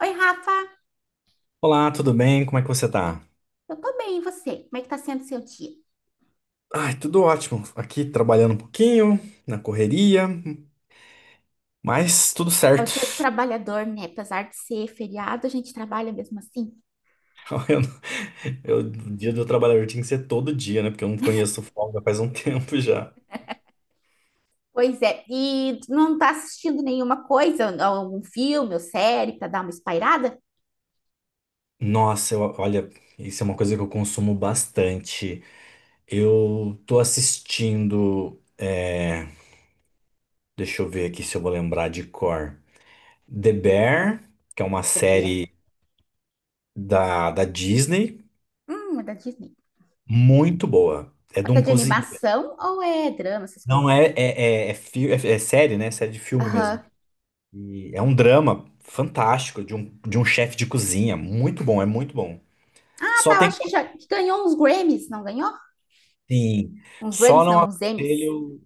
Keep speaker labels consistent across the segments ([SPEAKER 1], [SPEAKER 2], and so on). [SPEAKER 1] Oi, Rafa,
[SPEAKER 2] Olá, tudo bem? Como é que você tá?
[SPEAKER 1] eu tô bem, e você? Como é que tá sendo o seu dia?
[SPEAKER 2] Ai, tudo ótimo. Aqui trabalhando um pouquinho, na correria, mas tudo
[SPEAKER 1] É o
[SPEAKER 2] certo.
[SPEAKER 1] dia do trabalhador, né? Apesar de ser feriado, a gente trabalha mesmo assim.
[SPEAKER 2] Eu, não- eu- O dia do trabalhador tinha que ser todo dia, né? Porque eu não conheço folga faz um tempo já.
[SPEAKER 1] Pois é, e tu não tá assistindo nenhuma coisa, algum filme ou série pra dar uma espairada?
[SPEAKER 2] Olha, isso é uma coisa que eu consumo bastante. Eu tô assistindo, deixa eu ver aqui se eu vou lembrar de cor. The Bear, que é uma
[SPEAKER 1] The Bear.
[SPEAKER 2] série da Disney,
[SPEAKER 1] É da Disney.
[SPEAKER 2] muito boa. É de
[SPEAKER 1] Mas é
[SPEAKER 2] um
[SPEAKER 1] de
[SPEAKER 2] cozinheiro.
[SPEAKER 1] animação ou é drama, essas
[SPEAKER 2] Não
[SPEAKER 1] coisas assim?
[SPEAKER 2] é, é, é, é, fi- é- é série, né? É série de filme mesmo.
[SPEAKER 1] Aham.
[SPEAKER 2] E é um drama fantástico de um chefe de cozinha. Muito bom, é muito bom.
[SPEAKER 1] Ah,
[SPEAKER 2] Só
[SPEAKER 1] tá, eu
[SPEAKER 2] tem que.
[SPEAKER 1] acho que já que ganhou uns Grammys, não ganhou?
[SPEAKER 2] Sim,
[SPEAKER 1] Uns
[SPEAKER 2] só
[SPEAKER 1] Grammys,
[SPEAKER 2] não
[SPEAKER 1] não, uns Emmys.
[SPEAKER 2] aconselho.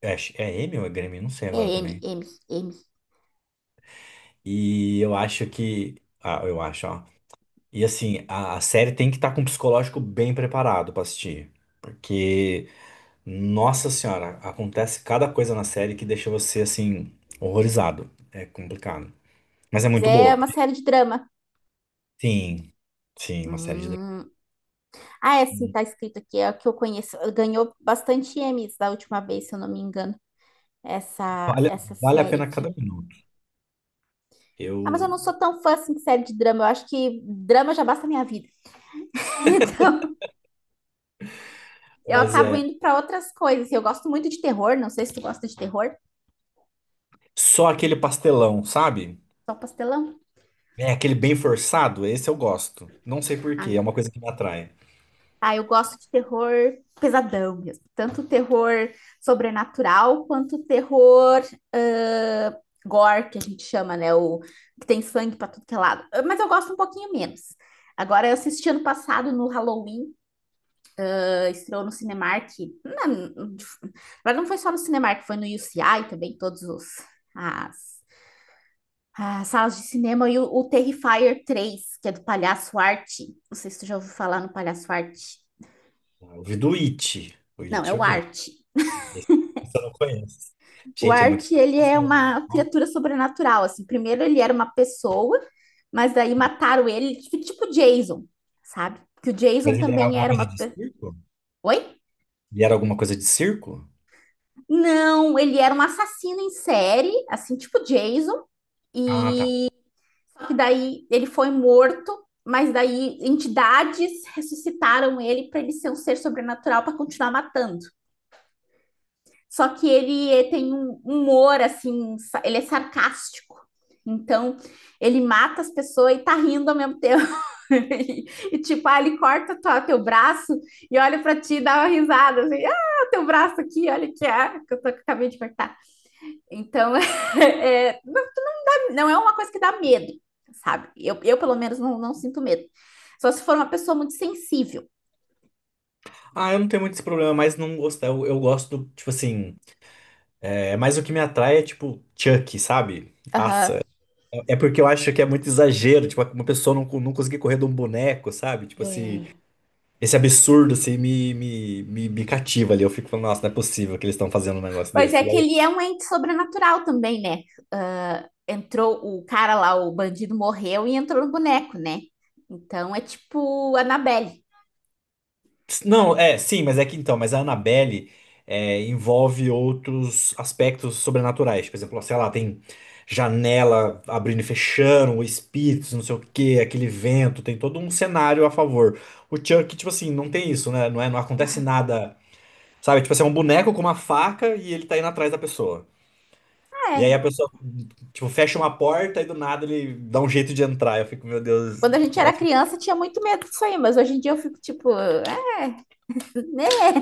[SPEAKER 2] É, é Emmy ou é Grêmio? Não sei
[SPEAKER 1] É
[SPEAKER 2] agora
[SPEAKER 1] M,
[SPEAKER 2] também.
[SPEAKER 1] M, M.
[SPEAKER 2] E eu acho que. Ah, eu acho, ó. E assim, a série tem que estar com o psicológico bem preparado pra assistir. Porque, nossa senhora, acontece cada coisa na série que deixa você assim, horrorizado. É complicado. Mas é
[SPEAKER 1] Mas
[SPEAKER 2] muito
[SPEAKER 1] é
[SPEAKER 2] boa.
[SPEAKER 1] uma série de drama.
[SPEAKER 2] Sim, sim, uma série de
[SPEAKER 1] Hum. Ah, é sim,
[SPEAKER 2] dramas.
[SPEAKER 1] tá escrito aqui, é o que eu conheço. Ganhou bastante Emmys da última vez, se eu não me engano, essa,
[SPEAKER 2] Vale,
[SPEAKER 1] essa
[SPEAKER 2] vale a
[SPEAKER 1] série
[SPEAKER 2] pena
[SPEAKER 1] aqui.
[SPEAKER 2] cada minuto.
[SPEAKER 1] Ah, mas eu
[SPEAKER 2] Eu,
[SPEAKER 1] não sou tão fã assim de série de drama. Eu acho que drama já basta a minha vida. Então, eu
[SPEAKER 2] mas
[SPEAKER 1] acabo
[SPEAKER 2] é
[SPEAKER 1] indo para outras coisas. Eu gosto muito de terror, não sei se tu gosta de terror.
[SPEAKER 2] só aquele pastelão, sabe?
[SPEAKER 1] Só um pastelão.
[SPEAKER 2] É aquele bem forçado, esse eu gosto. Não sei por quê,
[SPEAKER 1] Ah,
[SPEAKER 2] é uma coisa que me atrai.
[SPEAKER 1] Ah, eu gosto de terror pesadão mesmo. Tanto terror sobrenatural quanto terror ah, gore, que a gente chama, né? O que tem sangue pra tudo que é lado. Ah, mas eu gosto um pouquinho menos. Agora, eu assisti ano passado no Halloween, ah, estreou no Cinemark. Na, mas não foi só no Cinemark, foi no UCI também, todos os as, as salas de cinema. E o Terrifier 3 que é do Palhaço Arte. Não sei se tu já ouviu falar no Palhaço Arte.
[SPEAKER 2] Ah, eu vi do It. O
[SPEAKER 1] Não, é
[SPEAKER 2] It eu
[SPEAKER 1] o
[SPEAKER 2] vi.
[SPEAKER 1] Arte.
[SPEAKER 2] Esse esse eu não conheço.
[SPEAKER 1] O
[SPEAKER 2] Gente, é muito
[SPEAKER 1] Art, ele é
[SPEAKER 2] pastelão.
[SPEAKER 1] uma
[SPEAKER 2] Ó.
[SPEAKER 1] criatura sobrenatural, assim. Primeiro ele era uma pessoa, mas daí mataram ele, tipo Jason, sabe? Que o Jason
[SPEAKER 2] Mas ele era
[SPEAKER 1] também
[SPEAKER 2] alguma
[SPEAKER 1] era uma...
[SPEAKER 2] coisa de
[SPEAKER 1] pe-
[SPEAKER 2] circo?
[SPEAKER 1] Oi?
[SPEAKER 2] Ele era alguma coisa de circo?
[SPEAKER 1] Não, ele era um assassino em série, assim, tipo Jason. E
[SPEAKER 2] Ah, tá.
[SPEAKER 1] Só que daí ele foi morto, mas daí entidades ressuscitaram ele para ele ser um ser sobrenatural para continuar matando. Só que ele tem um humor, assim, ele é sarcástico. Então, ele mata as pessoas e tá rindo ao mesmo tempo. e, e, tipo, ele corta teu braço e olha para ti e dá uma risada, assim, ah, teu braço aqui, olha que acabei de cortar. Então, é, não, é uma coisa que dá medo, sabe? Eu pelo menos, não sinto medo. Só se for uma pessoa muito sensível.
[SPEAKER 2] Ah, eu não tenho muito esse problema, mas não gosto. Eu gosto, do, tipo assim, é mais o que me atrai é tipo Chucky, sabe? Nossa,
[SPEAKER 1] Aham.
[SPEAKER 2] é porque eu acho que é muito exagero, tipo, uma pessoa não conseguir correr de um boneco, sabe? Tipo,
[SPEAKER 1] Uhum.
[SPEAKER 2] assim,
[SPEAKER 1] É.
[SPEAKER 2] esse absurdo, assim, me cativa ali. Eu fico falando, nossa, não é possível que eles estão fazendo um negócio
[SPEAKER 1] Pois
[SPEAKER 2] desse.
[SPEAKER 1] é
[SPEAKER 2] E
[SPEAKER 1] que
[SPEAKER 2] aí,
[SPEAKER 1] ele é um ente sobrenatural também, né? Ah, entrou o cara lá, o bandido morreu e entrou no boneco, né? Então é tipo Annabelle.
[SPEAKER 2] não, é, sim, mas é que então, mas a Annabelle é, envolve outros aspectos sobrenaturais. Por exemplo, sei lá, tem janela abrindo e fechando, espíritos, não sei o quê, aquele vento, tem todo um cenário a favor. O Chuck, tipo assim, não tem isso, né? Não é, não acontece nada. Sabe? Tipo assim, é um boneco com uma faca e ele tá indo atrás da pessoa.
[SPEAKER 1] Ah,
[SPEAKER 2] E aí
[SPEAKER 1] é.
[SPEAKER 2] a pessoa, tipo, fecha uma porta e do nada ele dá um jeito de entrar. Eu fico, meu Deus,
[SPEAKER 1] Quando a gente era
[SPEAKER 2] nossa.
[SPEAKER 1] criança tinha muito medo disso aí, mas hoje em dia eu fico tipo, ah, né?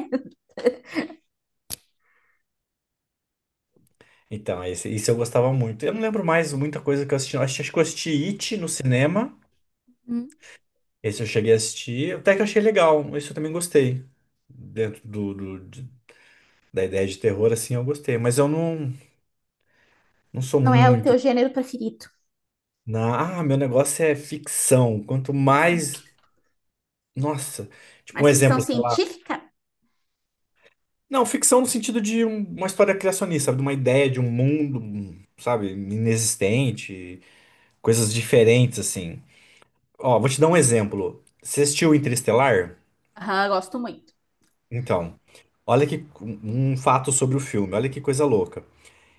[SPEAKER 2] Então, esse, isso eu gostava muito. Eu não lembro mais muita coisa que eu assisti. Eu acho que eu assisti It no cinema.
[SPEAKER 1] Hum.
[SPEAKER 2] Esse eu cheguei a assistir. Até que eu achei legal. Esse eu também gostei. Dentro da ideia de terror, assim, eu gostei. Mas eu não, Não sou
[SPEAKER 1] Não é o
[SPEAKER 2] muito.
[SPEAKER 1] teu gênero preferido.
[SPEAKER 2] Na, ah, meu negócio é ficção. Quanto
[SPEAKER 1] Ficção.
[SPEAKER 2] mais. Nossa. Tipo, um
[SPEAKER 1] Mas ficção
[SPEAKER 2] exemplo, sei lá.
[SPEAKER 1] científica?
[SPEAKER 2] Não, ficção no sentido de uma história criacionista, sabe? De uma ideia de um mundo, um, sabe, inexistente, coisas diferentes, assim. Ó, vou te dar um exemplo. Você assistiu Interestelar?
[SPEAKER 1] Aham, gosto muito.
[SPEAKER 2] Então, olha que um fato sobre o filme, olha que coisa louca.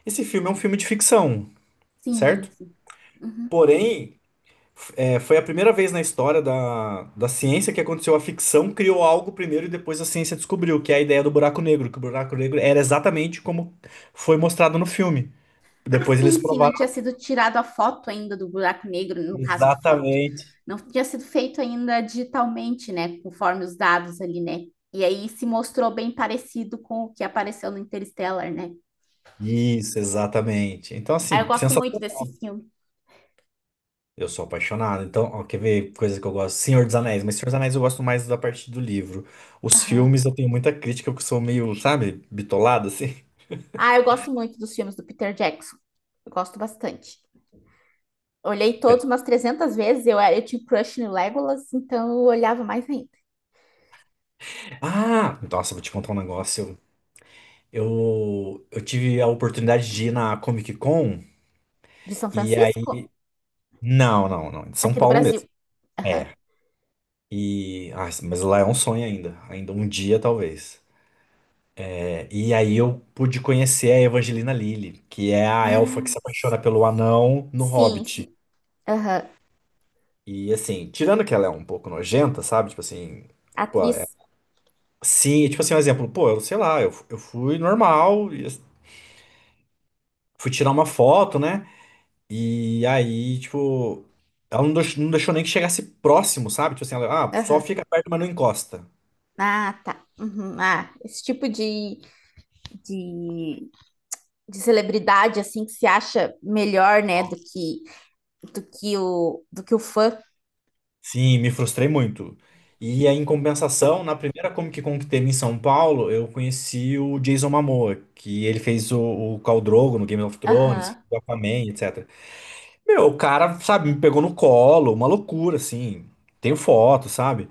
[SPEAKER 2] Esse filme é um filme de ficção,
[SPEAKER 1] Sim,
[SPEAKER 2] certo?
[SPEAKER 1] sim. Uhum.
[SPEAKER 2] Porém, foi a primeira vez na história da ciência que aconteceu a ficção, criou algo primeiro e depois a ciência descobriu, que é a ideia do buraco negro, que o buraco negro era exatamente como foi mostrado no filme.
[SPEAKER 1] Ah,
[SPEAKER 2] Depois eles
[SPEAKER 1] sim, sim, não
[SPEAKER 2] provaram
[SPEAKER 1] tinha sido tirado a foto ainda do buraco negro, no caso, a foto.
[SPEAKER 2] exatamente.
[SPEAKER 1] Não tinha sido feito ainda digitalmente, né? Conforme os dados ali, né? E aí se mostrou bem parecido com o que apareceu no Interstellar, né?
[SPEAKER 2] Isso, exatamente. Então,
[SPEAKER 1] Ah, eu
[SPEAKER 2] assim,
[SPEAKER 1] gosto muito
[SPEAKER 2] sensacional.
[SPEAKER 1] desse filme.
[SPEAKER 2] Eu sou apaixonado. Então, ó, quer ver coisa que eu gosto? Senhor dos Anéis, mas Senhor dos Anéis eu gosto mais da parte do livro. Os
[SPEAKER 1] Aham.
[SPEAKER 2] filmes eu tenho muita crítica, porque eu sou meio, sabe, bitolado, assim.
[SPEAKER 1] Ah, eu gosto muito dos filmes do Peter Jackson. Eu gosto bastante. Olhei todos
[SPEAKER 2] Pera-
[SPEAKER 1] umas 300 vezes. Eu tinha um crush no Legolas, então eu olhava mais ainda.
[SPEAKER 2] Ah, nossa, vou te contar um negócio. Eu tive a oportunidade de ir na Comic Con,
[SPEAKER 1] De São
[SPEAKER 2] e aí.
[SPEAKER 1] Francisco?
[SPEAKER 2] Não, não, não. Em São
[SPEAKER 1] Aqui do
[SPEAKER 2] Paulo mesmo.
[SPEAKER 1] Brasil. Aham.
[SPEAKER 2] É. E. Ah, mas lá é um sonho ainda. Ainda um dia, talvez. E aí eu pude conhecer a Evangelina Lilly, que é a elfa que
[SPEAKER 1] Ah,
[SPEAKER 2] se
[SPEAKER 1] si-
[SPEAKER 2] apaixona pelo anão no
[SPEAKER 1] sim,
[SPEAKER 2] Hobbit.
[SPEAKER 1] sim. Aham.
[SPEAKER 2] E assim, tirando que ela é um pouco nojenta, sabe? Tipo assim, pô, é-
[SPEAKER 1] Atriz?
[SPEAKER 2] sim, tipo assim, um exemplo, pô, eu sei lá, eu fui normal, e fui tirar uma foto, né? E aí, tipo, ela não deixou, não deixou nem que chegasse próximo, sabe? Tipo assim, ela, ah, só
[SPEAKER 1] Aham.
[SPEAKER 2] fica perto, mas não encosta.
[SPEAKER 1] Ah, tá. Uhum. Ah, esse tipo de, de celebridade, assim, que se acha melhor, né, do que o fã.
[SPEAKER 2] Sim, me frustrei muito. E aí, em compensação, na primeira Comic Con que teve em São Paulo, eu conheci o Jason Momoa, que ele fez o Khal Drogo no Game of Thrones,
[SPEAKER 1] Aham.
[SPEAKER 2] o Aquaman, etc. Meu, o cara, sabe, me pegou no colo, uma loucura, assim. Tenho foto, sabe?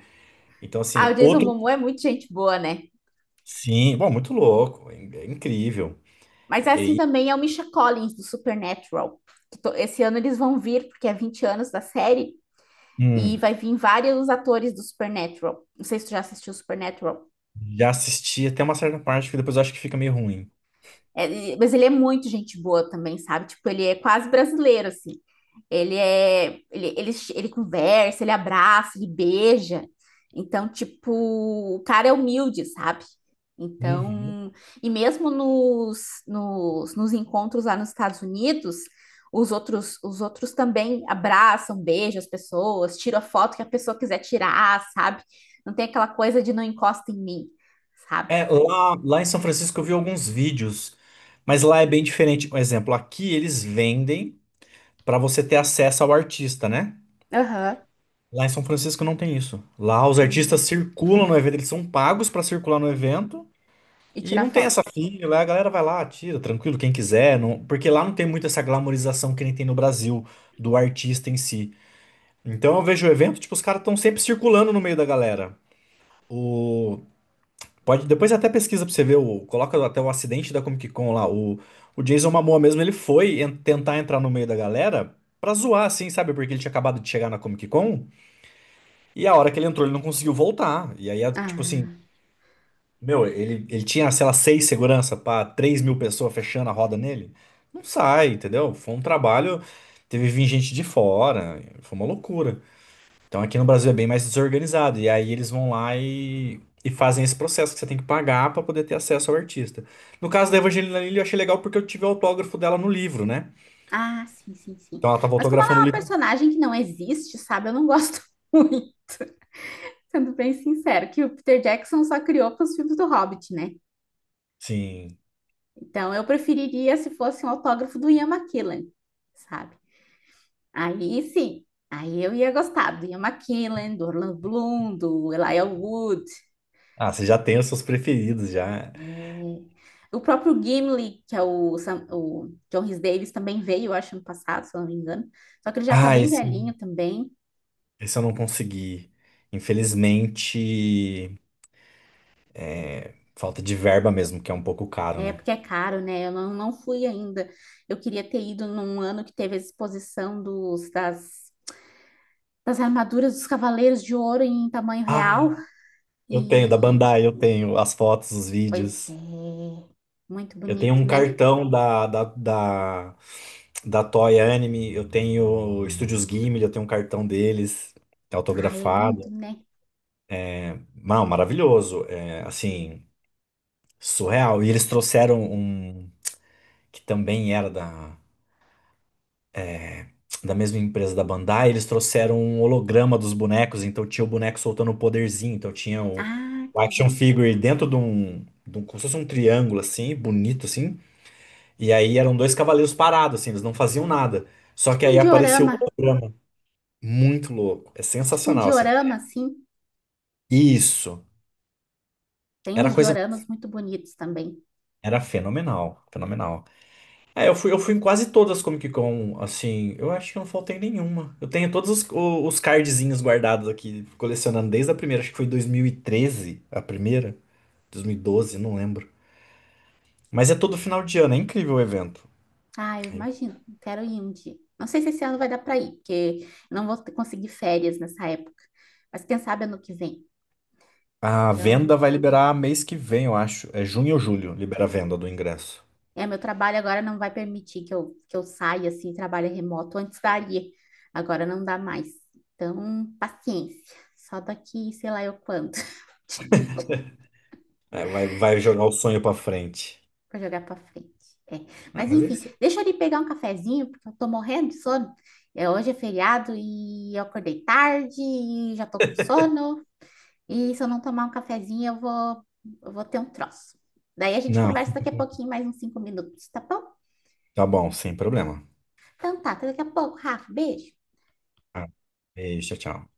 [SPEAKER 2] Então,
[SPEAKER 1] Ah,
[SPEAKER 2] assim,
[SPEAKER 1] o Jason
[SPEAKER 2] outro.
[SPEAKER 1] Momoa é muito gente boa, né?
[SPEAKER 2] Sim, bom, muito louco, é é incrível.
[SPEAKER 1] Mas é assim
[SPEAKER 2] E,
[SPEAKER 1] também é o Misha Collins, do Supernatural. Esse ano eles vão vir, porque é 20 anos da série, e
[SPEAKER 2] hum,
[SPEAKER 1] vai vir vários atores do Supernatural. Não sei se tu já assistiu Supernatural.
[SPEAKER 2] já assisti até uma certa parte que depois eu acho que fica meio ruim.
[SPEAKER 1] Mas ele é muito gente boa também, sabe? Tipo, ele é quase brasileiro, assim. Ele conversa, ele abraça, ele beija. Então, tipo, o cara é humilde, sabe?
[SPEAKER 2] Uhum.
[SPEAKER 1] Então, e mesmo nos encontros lá nos Estados Unidos, os outros também abraçam, beijam as pessoas, tiram a foto que a pessoa quiser tirar, sabe? Não tem aquela coisa de não encosta em mim, sabe?
[SPEAKER 2] É, lá em São Francisco eu vi alguns vídeos, mas lá é bem diferente. Um exemplo, aqui eles vendem para você ter acesso ao artista, né?
[SPEAKER 1] Aham.
[SPEAKER 2] Lá em São Francisco não tem isso. Lá os artistas
[SPEAKER 1] Hum.
[SPEAKER 2] circulam no evento, eles são pagos para circular no evento
[SPEAKER 1] E
[SPEAKER 2] e
[SPEAKER 1] tirar
[SPEAKER 2] não tem
[SPEAKER 1] foto.
[SPEAKER 2] essa fila. Lá a galera vai lá, tira, tranquilo, quem quiser, porque lá não tem muito essa glamorização que nem tem no Brasil do artista em si. Então eu vejo o evento, tipo, os caras estão sempre circulando no meio da galera. O pode, depois até pesquisa pra você ver, o, coloca até o acidente da Comic Con lá. O Jason Momoa mesmo, ele foi tentar entrar no meio da galera pra zoar, assim, sabe? Porque ele tinha acabado de chegar na Comic Con e a hora que ele entrou ele não conseguiu voltar. E aí, é, tipo assim,
[SPEAKER 1] Ah,
[SPEAKER 2] meu, ele tinha, sei lá, seis segurança pra 3.000 pessoas fechando a roda nele. Não sai, entendeu? Foi um trabalho, teve vir gente de fora, foi uma loucura. Então aqui no Brasil é bem mais desorganizado. E aí eles vão lá e fazem esse processo que você tem que pagar para poder ter acesso ao artista. No caso
[SPEAKER 1] sim.
[SPEAKER 2] da Evangelina Lilly, eu achei legal porque eu tive o autógrafo dela no livro, né?
[SPEAKER 1] Ah, sim, sim, sim.
[SPEAKER 2] Então ela tava
[SPEAKER 1] Mas como ela é
[SPEAKER 2] autografando o
[SPEAKER 1] uma
[SPEAKER 2] livro.
[SPEAKER 1] personagem que não existe, sabe? Eu não gosto muito, sendo bem sincero, que o Peter Jackson só criou para os filmes do Hobbit, né?
[SPEAKER 2] Sim.
[SPEAKER 1] Então eu preferiria se fosse um autógrafo do Ian McKellen, sabe? Aí sim, aí eu ia gostar do Ian McKellen, do Orlando Bloom, do Elijah Wood,
[SPEAKER 2] Ah, você já tem os seus preferidos já.
[SPEAKER 1] é, o próprio Gimli, que é o, Sam- o John Rhys Davies, também veio, eu acho, ano passado, se eu não me engano. Só que ele já tá
[SPEAKER 2] Ah,
[SPEAKER 1] bem velhinho também.
[SPEAKER 2] esse eu não consegui. Infelizmente, falta de verba mesmo, que é um pouco caro,
[SPEAKER 1] É,
[SPEAKER 2] né?
[SPEAKER 1] porque é caro, né? Eu não, não fui ainda. Eu queria ter ido num ano que teve a exposição das armaduras dos Cavaleiros de Ouro em tamanho
[SPEAKER 2] Ah,
[SPEAKER 1] real.
[SPEAKER 2] eu tenho, da
[SPEAKER 1] E,
[SPEAKER 2] Bandai, eu tenho as fotos, os
[SPEAKER 1] pois é,
[SPEAKER 2] vídeos.
[SPEAKER 1] muito
[SPEAKER 2] Eu tenho
[SPEAKER 1] bonito,
[SPEAKER 2] um
[SPEAKER 1] né?
[SPEAKER 2] cartão da Toy Anime, eu tenho Estúdios Ghibli, eu tenho um cartão deles,
[SPEAKER 1] Ah, é
[SPEAKER 2] autografado.
[SPEAKER 1] lindo, né?
[SPEAKER 2] Não, maravilhoso, é, assim, surreal. E eles trouxeram um, que também era da, da mesma empresa da Bandai, eles trouxeram um holograma dos bonecos, então tinha o boneco soltando o poderzinho, então tinha
[SPEAKER 1] Ah,
[SPEAKER 2] o
[SPEAKER 1] que
[SPEAKER 2] action
[SPEAKER 1] legal.
[SPEAKER 2] figure dentro de um, como se fosse um triângulo, assim, bonito, assim. E aí eram dois cavaleiros parados, assim, eles não faziam nada. Só que
[SPEAKER 1] Tipo um
[SPEAKER 2] aí apareceu o
[SPEAKER 1] diorama,
[SPEAKER 2] holograma. Muito louco. É
[SPEAKER 1] tipo um
[SPEAKER 2] sensacional, assim.
[SPEAKER 1] diorama, assim.
[SPEAKER 2] Isso.
[SPEAKER 1] Tem
[SPEAKER 2] Era
[SPEAKER 1] uns
[SPEAKER 2] coisa.
[SPEAKER 1] dioramas muito bonitos também.
[SPEAKER 2] Era fenomenal. Fenomenal. É, eu fui em quase todas as Comic Con, assim. Eu acho que eu não faltei nenhuma. Eu tenho todos os cardzinhos guardados aqui, colecionando desde a primeira. Acho que foi 2013, a primeira. 2012, não lembro. Mas é todo final de ano, é incrível o evento.
[SPEAKER 1] Ah, eu imagino, quero ir um dia. Não sei se esse ano vai dar para ir, porque eu não vou conseguir férias nessa época. Mas quem sabe ano que vem.
[SPEAKER 2] A
[SPEAKER 1] Então,
[SPEAKER 2] venda vai liberar mês que vem, eu acho. É junho ou julho, libera a venda do ingresso.
[SPEAKER 1] é, meu trabalho agora não vai permitir que eu saia assim, trabalho remoto. Antes daria, agora não dá mais. Então, paciência. Só daqui, sei lá eu quando. Tipo,
[SPEAKER 2] É, vai, vai jogar o sonho pra frente.
[SPEAKER 1] pra jogar pra frente. É.
[SPEAKER 2] Ah,
[SPEAKER 1] Mas
[SPEAKER 2] mas é
[SPEAKER 1] enfim,
[SPEAKER 2] isso.
[SPEAKER 1] deixa eu ali pegar um cafezinho, porque eu tô morrendo de sono. É, hoje é feriado e eu acordei tarde e já tô com sono. E se eu não tomar um cafezinho, eu vou ter um troço. Daí a gente
[SPEAKER 2] Não,
[SPEAKER 1] conversa daqui a pouquinho, mais uns 5 minutos, tá bom?
[SPEAKER 2] tá bom, sem problema.
[SPEAKER 1] Então tá, até daqui a pouco, Rafa. Beijo.
[SPEAKER 2] Ah, beijo, tchau, tchau.